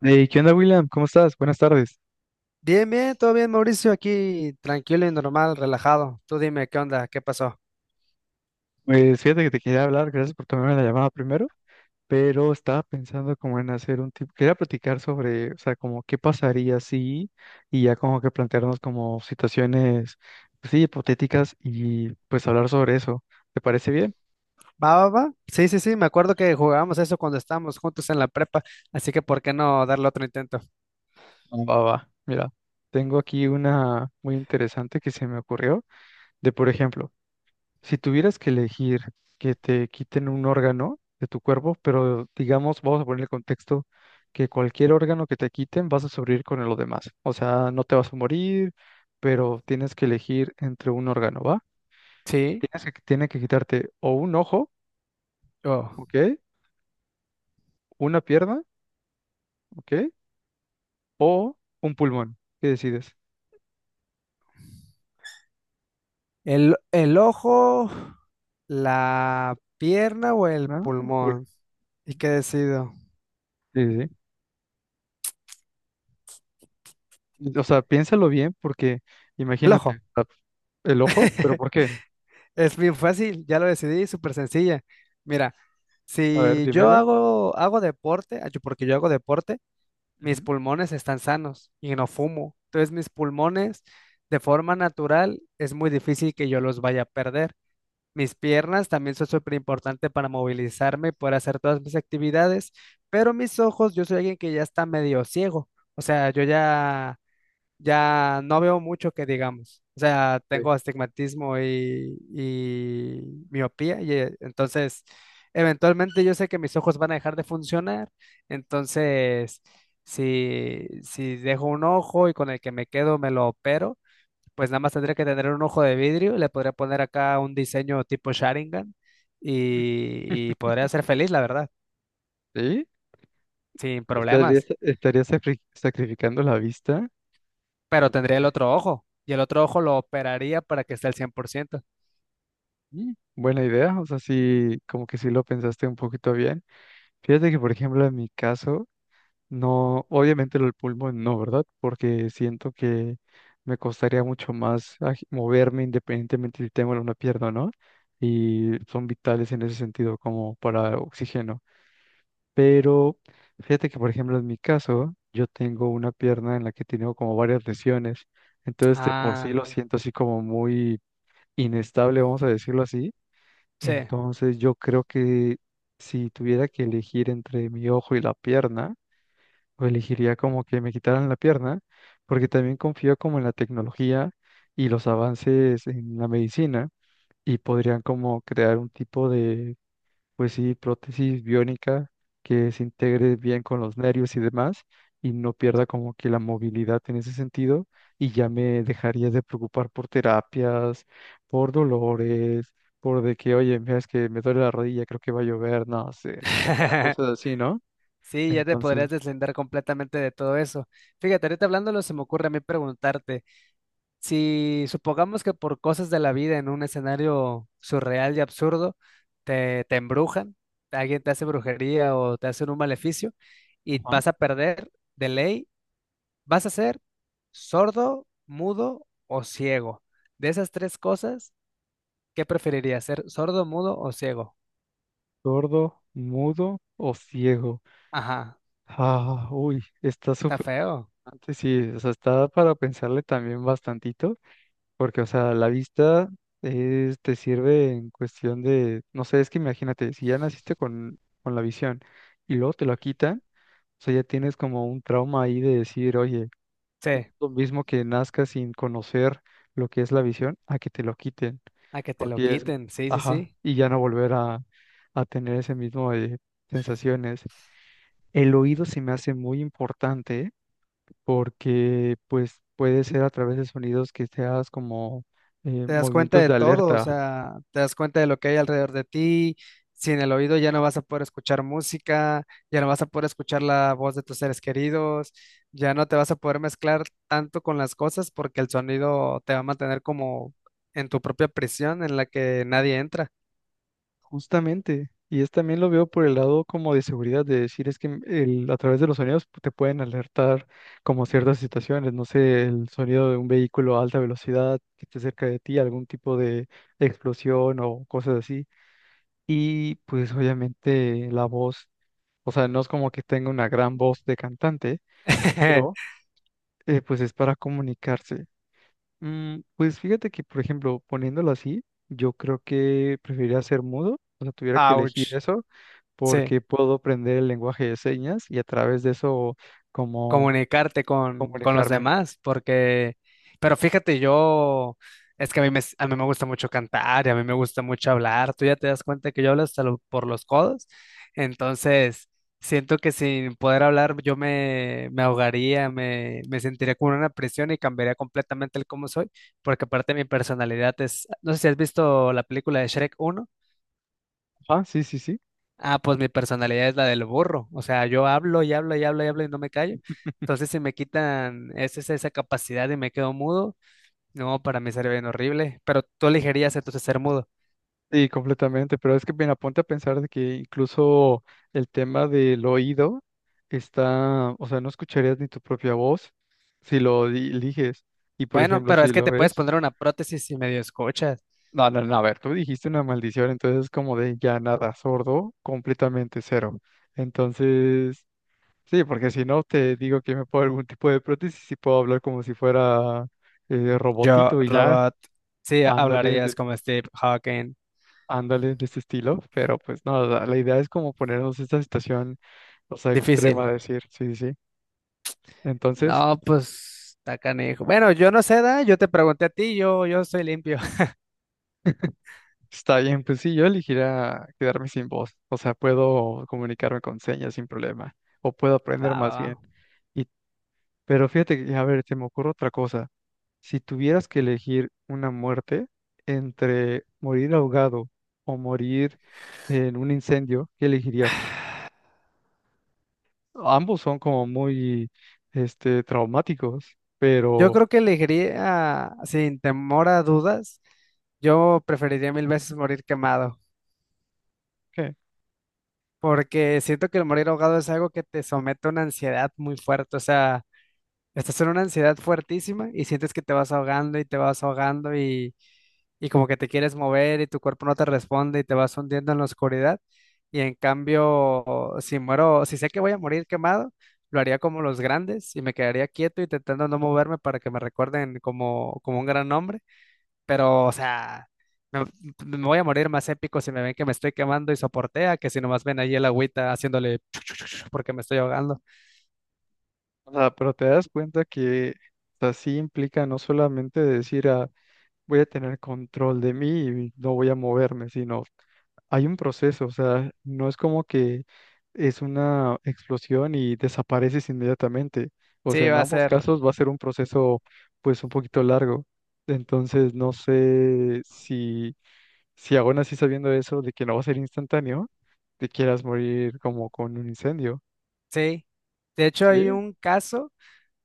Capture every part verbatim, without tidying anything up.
Hey, ¿qué onda, William? ¿Cómo estás? Buenas tardes. Bien, bien, todo bien, Mauricio, aquí tranquilo y normal, relajado. Tú dime, ¿qué onda? ¿Qué pasó? Pues fíjate que te quería hablar, gracias por tomarme la llamada primero, pero estaba pensando como en hacer un tipo, quería platicar sobre, o sea, como qué pasaría si, y ya como que plantearnos como situaciones, pues sí, hipotéticas y pues hablar sobre eso. ¿Te parece bien? ¿Va, va, va? Sí, sí, sí, me acuerdo que jugábamos eso cuando estábamos juntos en la prepa, así que ¿por qué no darle otro intento? Va, va, va. Mira, tengo aquí una muy interesante que se me ocurrió, de por ejemplo, si tuvieras que elegir que te quiten un órgano de tu cuerpo, pero digamos, vamos a poner el contexto que cualquier órgano que te quiten vas a sobrevivir con lo demás. O sea, no te vas a morir, pero tienes que elegir entre un órgano, ¿va? Sí, Tienes que, tienen que quitarte o un ojo, oh. ¿ok? Una pierna, ¿ok? O un pulmón. ¿Qué decides? El, el ojo, la pierna o el ¿No? Un pulmón. pulmón. ¿Y qué decido? Sí, sí, sí. O sea, piénsalo bien porque El imagínate, o ojo. sea, el ojo, pero ¿por qué? Es bien fácil, ya lo decidí, súper sencilla. Mira, A ver, si yo dímelo. hago, hago deporte, ah, yo- porque yo hago deporte, mis Ujú. pulmones están sanos y no fumo. Entonces mis pulmones de forma natural es muy difícil que yo los vaya a perder. Mis piernas también son súper importantes para movilizarme y poder hacer todas mis actividades, pero mis ojos, yo soy alguien que ya está medio ciego. O sea, yo ya ya no veo mucho que digamos. O sea, tengo astigmatismo y, y miopía, y eh, entonces eventualmente yo sé que mis ojos van a dejar de funcionar. Entonces, si, si dejo un ojo y con el que me quedo me lo opero, pues nada más tendría que tener un ojo de vidrio y le podría poner acá un diseño tipo Sharingan Sí. y, y podría ser feliz, la verdad, ¿Sí? sin ¿Estarías, problemas. estarías sacri- sacrificando la vista? Pero tendría el Eh, otro ojo y el otro ojo lo operaría para que esté al cien por ciento. mm, buena idea, o sea, sí, como que sí lo pensaste un poquito bien. Fíjate que, por ejemplo, en mi caso, no, obviamente el pulmón no, ¿verdad? Porque siento que me costaría mucho más aj- moverme independientemente si tengo una pierna o no, y son vitales en ese sentido, como para oxígeno. Pero fíjate que, por ejemplo, en mi caso, yo tengo una pierna en la que tengo como varias lesiones. Entonces, de por sí Ah. lo siento así como muy inestable, vamos a decirlo así. Sí. Entonces, yo creo que si tuviera que elegir entre mi ojo y la pierna, o elegiría como que me quitaran la pierna, porque también confío como en la tecnología y los avances en la medicina y podrían como crear un tipo de, pues sí, prótesis biónica que se integre bien con los nervios y demás y no pierda como que la movilidad en ese sentido y ya me dejaría de preocupar por terapias, por dolores, por de que, oye, mira, es que me duele la rodilla, creo que va a llover, no sé, o sea, cosas así, ¿no? Sí, ya te podrías Entonces, deslindar completamente de todo eso. Fíjate, ahorita hablándolo, se me ocurre a mí preguntarte, si supongamos que por cosas de la vida en un escenario surreal y absurdo, te, te embrujan, alguien te hace brujería o te hace un maleficio y ajá, vas a perder de ley, vas a ser sordo, mudo o ciego. De esas tres cosas, ¿qué preferirías? ¿Ser sordo, mudo o ciego? sordo, mudo o ciego. Ajá, Ah, uy, está está súper feo. interesante, sí, o sea, está para pensarle también bastantito. Porque, o sea, la vista es- te sirve en cuestión de, no sé, es que imagínate, si ya naciste con, con la visión y luego te la quitan, o sea, ya tienes como un trauma ahí de decir, oye, Sí. lo mismo que nazcas sin conocer lo que es la visión, a que te lo quiten, A que te lo porque es, quiten, sí, sí, ajá, sí. y ya no volver a, a tener ese mismo de sensaciones. El oído se me hace muy importante porque pues puede ser a través de sonidos que seas como, eh, Te das cuenta movimientos de de todo, o alerta, sea, te das cuenta de lo que hay alrededor de ti. Sin el oído ya no vas a poder escuchar música, ya no vas a poder escuchar la voz de tus seres queridos, ya no te vas a poder mezclar tanto con las cosas porque el sonido te va a mantener como en tu propia prisión en la que nadie entra. justamente. Y es también lo veo por el lado como de seguridad, de decir es que el, a través de los sonidos te pueden alertar como ciertas situaciones, no sé, el sonido de un vehículo a alta velocidad que esté cerca de ti, algún tipo de explosión o cosas así. Y pues obviamente la voz, o sea, no es como que tenga una gran voz de cantante, pero eh, pues es para comunicarse. Mm, pues fíjate que, por ejemplo, poniéndolo así, yo creo que preferiría ser mudo, o sea, tuviera que elegir Ouch. eso, Sí. porque puedo aprender el lenguaje de señas y a través de eso como Comunicarte con, con los comunicarme. demás, porque, pero fíjate, yo, es que a mí, me, a mí me gusta mucho cantar y a mí me gusta mucho hablar, tú ya te das cuenta que yo hablo hasta lo- por los codos, entonces siento que sin poder hablar yo me, me ahogaría, me, me sentiría como en una prisión y cambiaría completamente el cómo soy, porque aparte mi personalidad es, no sé si has visto la película de Shrek uno. Ah, sí, sí, sí. Ah, pues mi personalidad es la del burro. O sea, yo hablo y hablo y hablo y hablo y no me callo. Entonces, si me quitan es- es- esa capacidad y me quedo mudo, no, para mí sería bien horrible. Pero tú elegirías entonces ser mudo. Sí, completamente, pero es que, bien, aponte a pensar de que incluso el tema del oído está, o sea, no escucharías ni tu propia voz si lo di- eliges. Y, por Bueno, ejemplo, pero si es que lo te puedes ves. poner una prótesis si medio escuchas. No, no, no, a ver, tú dijiste una maldición, entonces es como de ya nada, sordo, completamente cero. Entonces, sí, porque si no te digo que me pongo algún tipo de prótesis y sí puedo hablar como si fuera eh, Yo, robotito y ya, robot, sí, ándale, hablarías de- como Steve Hawking. ándale de este estilo, pero pues no, la, la idea es como ponernos esta situación, o sea, Difícil. extrema, decir, sí, sí, sí. Entonces, No, pues, está canijo. Bueno, yo no sé, da, yo te pregunté a ti, yo, yo soy limpio. está bien, pues sí, yo elegiría quedarme sin voz, o sea, puedo comunicarme con señas sin problema, o puedo Va, aprender va, más va. bien. Pero fíjate, que, a ver, se me ocurre otra cosa. Si tuvieras que elegir una muerte entre morir ahogado o morir en un incendio, ¿qué elegirías? Ambos son como muy, este, traumáticos, Yo pero creo que elegiría, sin temor a dudas. Yo preferiría mil veces morir quemado, ¿qué? porque siento que el morir ahogado es algo que te somete a una ansiedad muy fuerte, o sea, estás en una ansiedad fuertísima y sientes que te vas ahogando y te vas ahogando y, y como que te quieres mover y tu cuerpo no te responde y te vas hundiendo en la oscuridad. Y en cambio, si muero, si sé que voy a morir quemado, lo haría como los grandes y me quedaría quieto y intentando no moverme para que me recuerden como, como un gran hombre. Pero, o sea, me, me voy a morir más épico si me ven que me estoy quemando y soportea que si nomás ven ahí el agüita haciéndole porque me estoy ahogando. O sea, pero te das cuenta que así implica no solamente decir, ah, voy a tener control de mí y no voy a moverme, sino hay un proceso, o sea, no es como que es una explosión y desapareces inmediatamente. O Sí, sea, en va a ambos ser, casos va a ser un proceso pues un poquito largo. Entonces, no sé si, si aún así sabiendo eso de que no va a ser instantáneo, te quieras morir como con un incendio. sí. De hecho, hay ¿Sí? un caso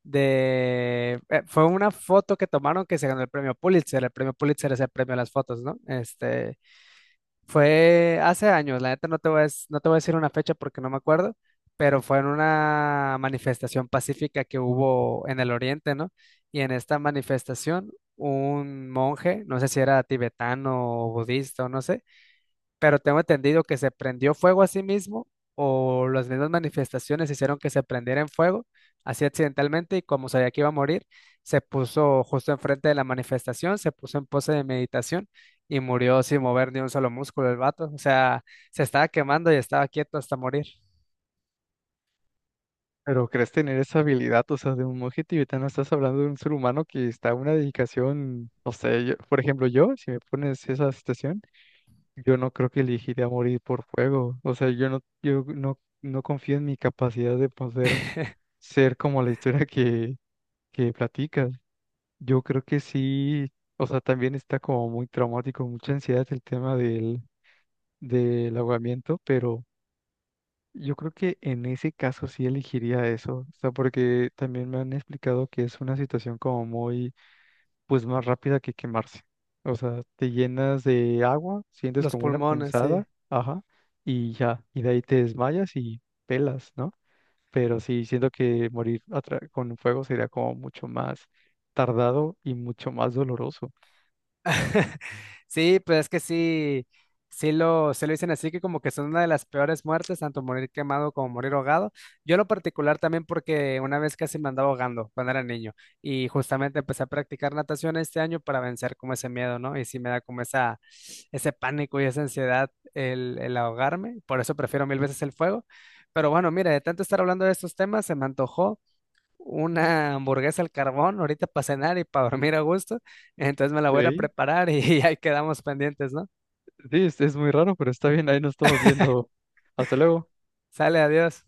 de, eh, fue una foto que tomaron que se ganó el premio Pulitzer. El premio Pulitzer es el premio a las fotos, ¿no? Este, fue hace años, la neta no te voy a, dec- no te voy a decir una fecha porque no me acuerdo, pero fue en una manifestación pacífica que hubo en el Oriente, ¿no? Y en esta manifestación, un monje, no sé si era tibetano o budista o no sé, pero tengo entendido que se prendió fuego a sí mismo o las mismas manifestaciones hicieron que se prendiera en fuego, así accidentalmente, y como sabía que iba a morir, se puso justo enfrente de la manifestación, se puso en pose de meditación y murió sin mover ni un solo músculo el vato. O sea, se estaba quemando y estaba quieto hasta morir. Pero crees tener esa habilidad, o sea, de un monje tibetano, estás hablando de un ser humano que está a una dedicación, no sé, yo- por ejemplo, yo, si me pones esa situación, yo no creo que elegiría morir por fuego, o sea, yo no, yo no, no confío en mi capacidad de poder ser como la historia que, que platicas. Yo creo que sí, o sea, también está como muy traumático, mucha ansiedad el tema del, del ahogamiento, pero... Yo creo que en ese caso sí elegiría eso, o sea, porque también me han explicado que es una situación como muy, pues más rápida que quemarse. O sea, te llenas de agua, sientes Los como una pulmones, sí. punzada, ajá, y ya, y de ahí te desmayas y pelas, ¿no? Pero sí, siento que morir atra- con fuego sería como mucho más tardado y mucho más doloroso. Sí, pues es que sí, sí lo, se lo dicen así que como que son una de las peores muertes, tanto morir quemado como morir ahogado. Yo en lo particular también porque una vez casi me andaba ahogando cuando era niño y justamente empecé a practicar natación este año para vencer como ese miedo, ¿no? Y sí me da como esa, ese pánico y esa ansiedad el, el ahogarme, por eso prefiero mil veces el fuego. Pero bueno, mira, de tanto estar hablando de estos temas, se me antojó una hamburguesa al carbón ahorita para cenar y para dormir a gusto. Entonces me la voy a ir a Ey, preparar y ahí quedamos pendientes, ¿no? sí, es, es muy raro, pero está bien, ahí nos estamos viendo. Hasta luego. Sale, adiós.